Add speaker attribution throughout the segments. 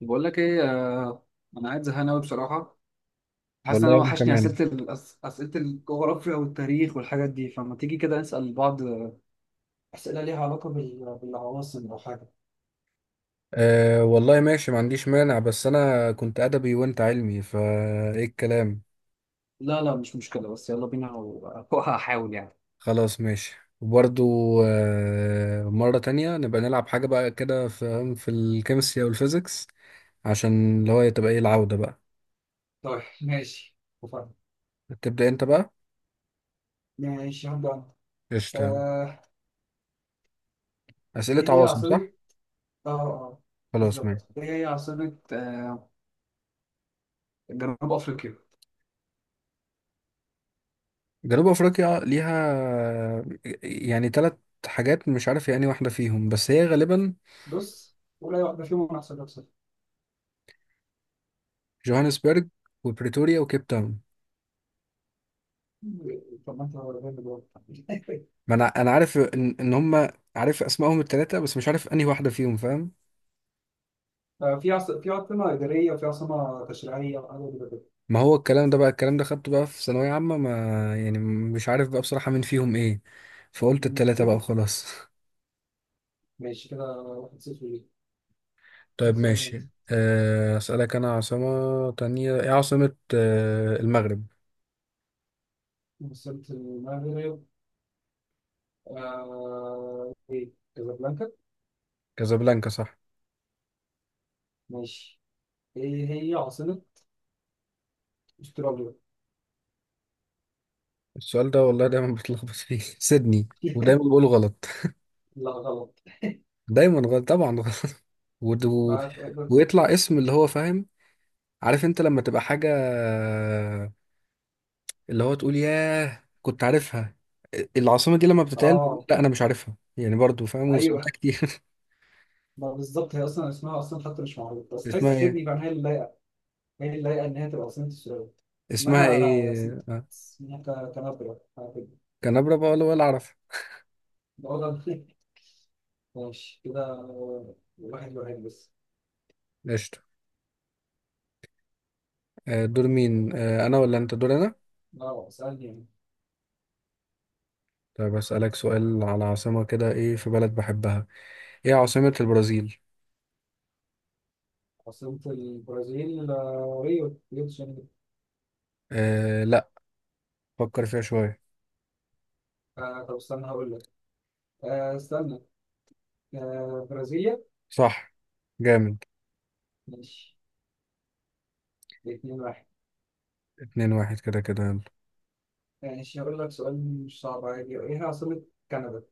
Speaker 1: بقول لك ايه. آه، انا قاعد زهقان قوي بصراحه. حاسس ان
Speaker 2: والله
Speaker 1: انا
Speaker 2: وانا
Speaker 1: وحشني
Speaker 2: كمان.
Speaker 1: اسئله اسئله الجغرافيا والتاريخ والحاجات دي، فما تيجي كده نسال بعض اسئله ليها علاقه بالعواصم او حاجه.
Speaker 2: أه والله ماشي، ما عنديش مانع، بس انا كنت ادبي وانت علمي، فايه الكلام؟
Speaker 1: لا لا، مش مشكله، بس يلا بينا وهحاول يعني.
Speaker 2: خلاص ماشي. وبرضو أه، مرة تانية نبقى نلعب حاجة بقى كده في الكيمستري او الفيزيكس، عشان اللي هو تبقى ايه العودة بقى.
Speaker 1: طيب ماشي وفاهم.
Speaker 2: تبدأ انت بقى.
Speaker 1: ماشي هبدا أنا.
Speaker 2: قشطة.
Speaker 1: آه،
Speaker 2: أسئلة
Speaker 1: ايه هي
Speaker 2: عواصم،
Speaker 1: عاصمه؟
Speaker 2: صح؟
Speaker 1: اه اه.
Speaker 2: خلاص ماشي.
Speaker 1: بالظبط، ايه هي عاصمه جنوب افريقيا؟
Speaker 2: جنوب افريقيا ليها يعني ثلاث حاجات، مش عارف يعني واحدة فيهم بس هي غالبا
Speaker 1: بص، ولا واحده فيهم، انا هسألك سؤال.
Speaker 2: جوهانسبرج وبريتوريا وكيب تاون.
Speaker 1: طب ما انت ولا فاهم الجواب.
Speaker 2: ما انا عارف ان هم، عارف اسمائهم الثلاثه بس مش عارف انهي واحده فيهم، فاهم؟
Speaker 1: آه، في عاصمة إدارية وفي عاصمة تشريعية وحاجة كده كده.
Speaker 2: ما هو الكلام ده بقى، الكلام ده خدته بقى في ثانويه عامه، ما يعني مش عارف بقى بصراحه مين فيهم ايه، فقلت
Speaker 1: مم.
Speaker 2: الثلاثه بقى وخلاص.
Speaker 1: ماشي كده، واحد صفر ليه.
Speaker 2: طيب
Speaker 1: مثلا،
Speaker 2: ماشي. اسالك انا عاصمه تانية. ايه عاصمه المغرب؟
Speaker 1: أنت وصلت المغرب. آه، كازابلانكا.
Speaker 2: كازابلانكا، صح.
Speaker 1: ماشي. إيه هي عاصمة أستراليا؟
Speaker 2: السؤال ده والله دايما بتلخبط فيه. سيدني. ودايما بقوله غلط،
Speaker 1: لا غلط.
Speaker 2: دايما غلط طبعا غلط. ود- و...
Speaker 1: ما تقدر.
Speaker 2: ويطلع اسم اللي هو، فاهم؟ عارف انت لما تبقى حاجه اللي هو تقول ياه كنت عارفها؟ العاصمة دي لما بتتقال بقول
Speaker 1: آه
Speaker 2: لا أنا مش عارفها، يعني برضو فاهم، وسمعتها
Speaker 1: أيوه،
Speaker 2: كتير.
Speaker 1: ما بالظبط هي أصلا اسمها أصلا حتى مش معروف، بس تحس
Speaker 2: اسمها إيه؟
Speaker 1: سيدني بقى هي اللي لايقة، هي اللي لايقة إن هي تبقى عاصمة أستراليا.
Speaker 2: اسمها
Speaker 1: اسمها،
Speaker 2: إيه؟
Speaker 1: كانبرا حاجة كده.
Speaker 2: كنبرة بقى، ولا أعرف.
Speaker 1: ده وضع- ماشي كده، واحد واحد بس.
Speaker 2: قشطة. دور مين؟ أنا ولا أنت؟ دور أنا.
Speaker 1: اه، اسألني يعني.
Speaker 2: طيب أسألك سؤال على عاصمة كده. إيه في بلد بحبها؟ إيه عاصمة البرازيل؟
Speaker 1: عاصمة البرازيل، ريو دي جانيرو.
Speaker 2: أه لا، فكر فيها شوية.
Speaker 1: طب استنى هقول لك. استنى. برازيليا.
Speaker 2: صح. جامد.
Speaker 1: ماشي، اتنين واحد.
Speaker 2: 2-1 كده كده يلا.
Speaker 1: ماشي، هقول لك سؤال مش صعب عادي، ايه هي عاصمة كندا؟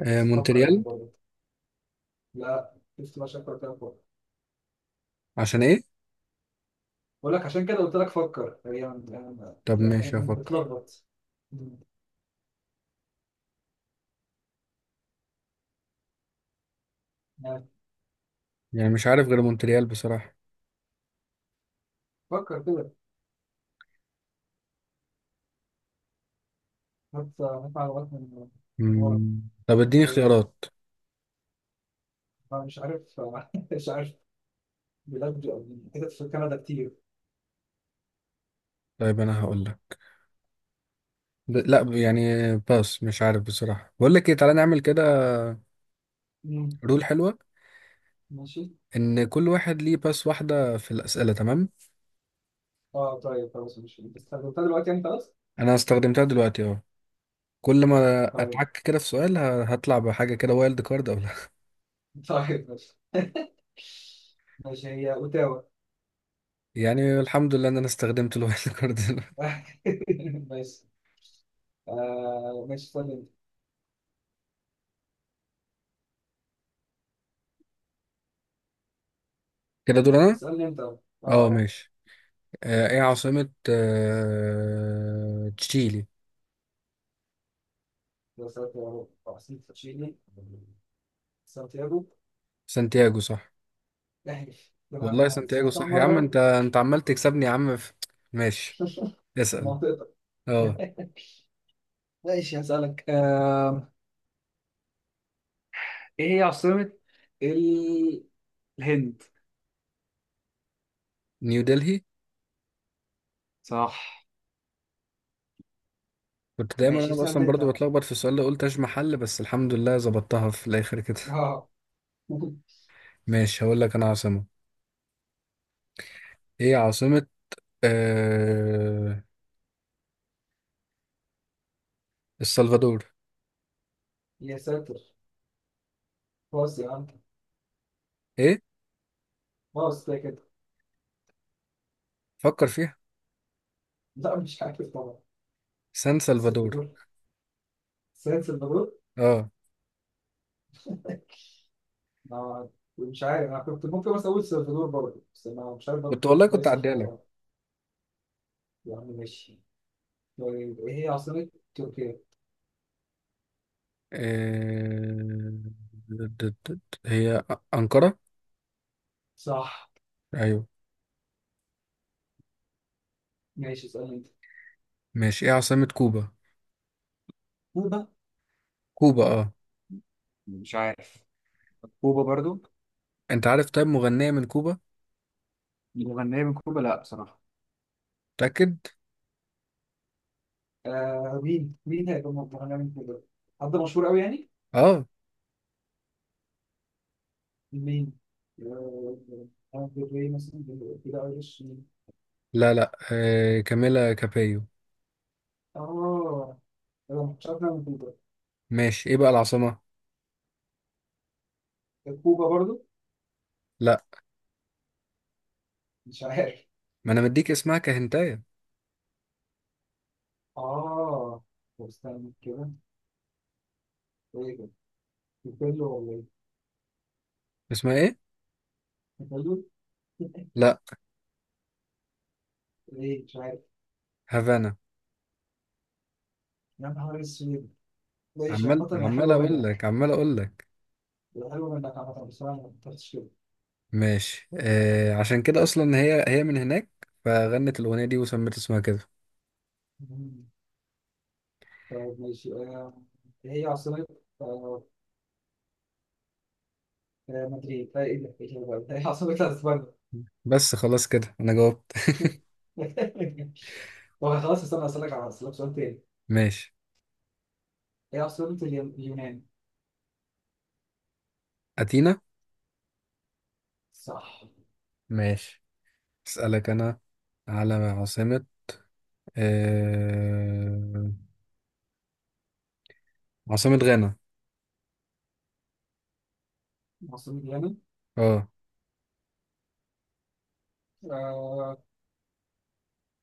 Speaker 2: أه
Speaker 1: بس فكر يعني
Speaker 2: مونتريال.
Speaker 1: برضه. لا، شفت بقى شكلك كده فوق.
Speaker 2: عشان إيه؟
Speaker 1: بقول لك عشان كده قلت لك فكر، هي يعني
Speaker 2: طب ماشي هفكر.
Speaker 1: بتلخبط. مم. يعني
Speaker 2: يعني مش عارف غير مونتريال بصراحة.
Speaker 1: فكر كده، هات هات معلومات من ورا،
Speaker 2: مم. طب
Speaker 1: من
Speaker 2: اديني
Speaker 1: بعيد.
Speaker 2: اختيارات.
Speaker 1: أنا مش عارف مش عارف. بيلاقوا كده في كندا كتير.
Speaker 2: طيب انا هقول لك. لا يعني باس، مش عارف بصراحة. بقول لك ايه، تعالى نعمل كده،
Speaker 1: مم.
Speaker 2: رول حلوة،
Speaker 1: ماشي.
Speaker 2: ان كل واحد ليه باس واحدة في الأسئلة، تمام؟
Speaker 1: اه طيب خلاص ماشي، انت استخدمتها دلوقتي يعني خلاص.
Speaker 2: انا استخدمتها دلوقتي اهو. كل ما
Speaker 1: طيب،
Speaker 2: اتعك كده في سؤال هطلع بحاجة كده، وايلد كارد او لا.
Speaker 1: طيب ماشي، ماشي هي اوتاوا.
Speaker 2: يعني الحمد لله ان انا استخدمت الوايلد كارد.
Speaker 1: ماشي. ماشي اسألني انت،
Speaker 2: كده دور انا.
Speaker 1: اسألني انت. اه
Speaker 2: اه
Speaker 1: اه،
Speaker 2: ماشي. ايه عاصمة تشيلي؟
Speaker 1: يا سانتياغو احسن، تشيلي سانتياغو.
Speaker 2: سانتياغو، صح.
Speaker 1: احلف، ده
Speaker 2: والله
Speaker 1: أنا
Speaker 2: سانتياغو
Speaker 1: سمعتها
Speaker 2: صح، يا عم
Speaker 1: مرة
Speaker 2: انت عمال تكسبني، يا عم ماشي،
Speaker 1: في
Speaker 2: اسأل.
Speaker 1: منطقتك.
Speaker 2: اه،
Speaker 1: ماشي، هسألك ايه هي عاصمة ال... الهند؟
Speaker 2: نيو دلهي.
Speaker 1: صح.
Speaker 2: كنت دايما
Speaker 1: ماشي،
Speaker 2: انا
Speaker 1: اسألني
Speaker 2: اصلا برضو
Speaker 1: انت.
Speaker 2: بتلخبط في السؤال ده، قلت اش محل، بس الحمد لله ظبطتها في الاخر كده.
Speaker 1: اه.
Speaker 2: ماشي هقول لك انا عاصمة. ايه عاصمة آه... السلفادور؟
Speaker 1: يا ساتر، باص يا عم،
Speaker 2: ايه،
Speaker 1: باص كده كده.
Speaker 2: فكر فيها.
Speaker 1: لا مش عارف طبعا.
Speaker 2: سان سلفادور.
Speaker 1: سلفادور، سيد سلفادور.
Speaker 2: اه،
Speaker 1: ما، مش عارف، انا كنت ممكن بس اقول سلفادور برضه، بس انا مش عارف برضه
Speaker 2: كنت
Speaker 1: كنت
Speaker 2: والله كنت
Speaker 1: صح
Speaker 2: عديها
Speaker 1: ولا
Speaker 2: لك.
Speaker 1: لا. يا عم ماشي. طيب ايه هي عاصمة تركيا؟
Speaker 2: آه... د- د- د- هي أنقرة.
Speaker 1: صح.
Speaker 2: ايوه.
Speaker 1: ماشي، اسألني انت.
Speaker 2: ماشي. ايه عاصمة كوبا؟
Speaker 1: كوبا؟
Speaker 2: كوبا اه.
Speaker 1: مش عارف. كوبا برضو.
Speaker 2: انت عارف طيب مغنية من كوبا؟
Speaker 1: مغنية من كوبا؟ لا بصراحة.
Speaker 2: متأكد.
Speaker 1: آه، مين هيبقى مطلع من كوبا؟ حد مشهور قوي يعني؟
Speaker 2: اه،
Speaker 1: مين؟ آه، دري مثلا، كده ايرش مين؟
Speaker 2: لا لا، كاميلا كابيو.
Speaker 1: اه. انا ما كنتش عارف إنها من كوبا.
Speaker 2: ماشي، ايه بقى العاصمة؟
Speaker 1: كوبا برضو؟
Speaker 2: لا،
Speaker 1: مش عارف.
Speaker 2: ما انا مديك اسمها كهنتايه.
Speaker 1: اه طب استنى كده، ايه كده، كوبيلو ولا ايه.
Speaker 2: اسمها ايه؟
Speaker 1: كوبيلو.
Speaker 2: لا،
Speaker 1: ايه، مش عارف.
Speaker 2: هافانا.
Speaker 1: يا نهار اسود. ماشي،
Speaker 2: عمال
Speaker 1: عامة هي
Speaker 2: عمال
Speaker 1: حلوة
Speaker 2: اقول لك،
Speaker 1: منك.
Speaker 2: عمال اقول لك.
Speaker 1: هي حلوة منك عامة، بصراحة ما فكرتش كده.
Speaker 2: ماشي عشان كده اصلا هي من هناك، فغنت الاغنيه دي وسمت اسمها كده.
Speaker 1: مم. طيب ماشي، هي عاصمة، آه، مدريد، هي ايه ده، ايه ده بقى؟ هي عاصمة اسبانيا.
Speaker 2: بس خلاص كده انا جاوبت.
Speaker 1: طب خلاص، استنى اسألك سؤال تاني.
Speaker 2: ماشي.
Speaker 1: هي عاصمة اليونان؟
Speaker 2: اتينا.
Speaker 1: صح.
Speaker 2: ماشي اسالك انا على آه عاصمه غانا.
Speaker 1: عاصمة اليونان،
Speaker 2: اه.
Speaker 1: آه،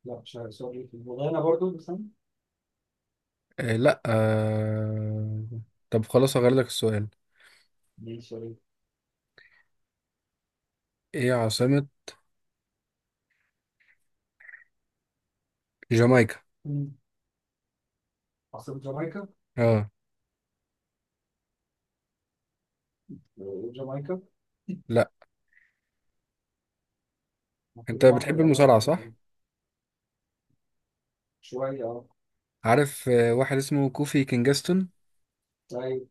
Speaker 1: لا مش عارف، سؤال الغانا برضو، بس أنا
Speaker 2: لا. طب خلاص هغير لك السؤال.
Speaker 1: دي سؤال.
Speaker 2: ايه عاصمه جامايكا؟
Speaker 1: مم. عاصمة جامايكا؟
Speaker 2: اه.
Speaker 1: جامايكا
Speaker 2: لا.
Speaker 1: المفروض
Speaker 2: انت
Speaker 1: المعطى
Speaker 2: بتحب
Speaker 1: اللي فيها
Speaker 2: المصارعه،
Speaker 1: واحدة كمان.
Speaker 2: صح؟
Speaker 1: شوية اه.
Speaker 2: عارف واحد اسمه كوفي كينجستون.
Speaker 1: طيب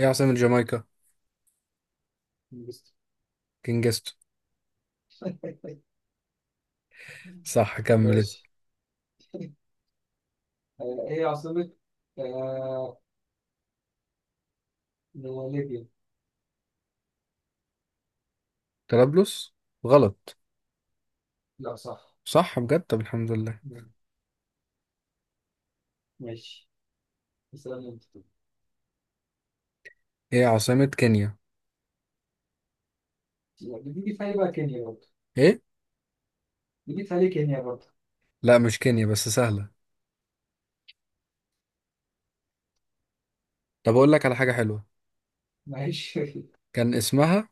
Speaker 2: ايه عاصمة جامايكا؟
Speaker 1: بس.
Speaker 2: كينجستون. صح، كمل اسم.
Speaker 1: ماشي، ايه عاصمة آه ليبيا؟
Speaker 2: طرابلس. غلط؟
Speaker 1: لا صح.
Speaker 2: صح بجد، طب الحمد لله.
Speaker 1: مم. ماشي. السلام انت.
Speaker 2: ايه عاصمة كينيا؟
Speaker 1: لا، دي في بقى كينيا برضه.
Speaker 2: ايه؟
Speaker 1: دي في عليه كينيا برضه.
Speaker 2: لا مش كينيا بس سهلة. طب اقول لك على حاجة حلوة.
Speaker 1: ماشي.
Speaker 2: كان اسمها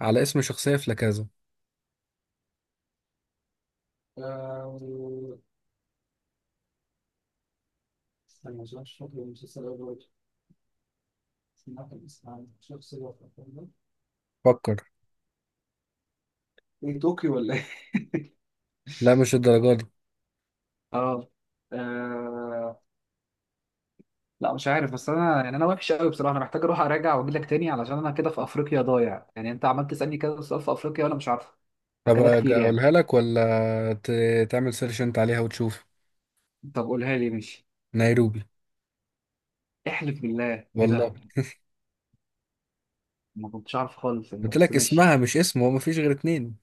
Speaker 2: على اسم شخصية في لاكازا.
Speaker 1: آه، و- استنى عشان مش فاكر المسلسل أوي برضه. سمعت الاسم عن شخص هو في الأفلام ده.
Speaker 2: فكر.
Speaker 1: ايه طوكيو ولا.
Speaker 2: لا مش الدرجة دي.
Speaker 1: اه آه، لا مش عارف، بس انا يعني انا وحش قوي بصراحه، انا محتاج اروح اراجع واجي لك تاني علشان انا كده في افريقيا ضايع يعني، انت عمال تسالني كده سؤال في افريقيا وانا مش عارفه
Speaker 2: طب
Speaker 1: فكده كتير يعني.
Speaker 2: اقولها لك، ولا تعمل سيرش انت عليها وتشوف؟
Speaker 1: طب قولها لي ماشي.
Speaker 2: نيروبي.
Speaker 1: احلف بالله، ايه ده.
Speaker 2: والله.
Speaker 1: ما كنتش عارف خالص يعني،
Speaker 2: قلت
Speaker 1: بس
Speaker 2: لك
Speaker 1: ماشي
Speaker 2: اسمها مش اسم، هو مفيش غير اتنين.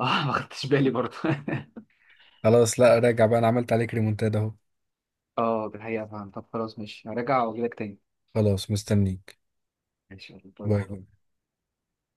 Speaker 1: اه. ما خدتش بالي برضه.
Speaker 2: خلاص لا راجع بقى، انا عملت عليك ريمونتادا اهو.
Speaker 1: اه دي حقيقه فاهم. طب خلاص ماشي، هراجع واجي لك تاني.
Speaker 2: خلاص مستنيك.
Speaker 1: ماشي يلا، باي
Speaker 2: باي.
Speaker 1: باي.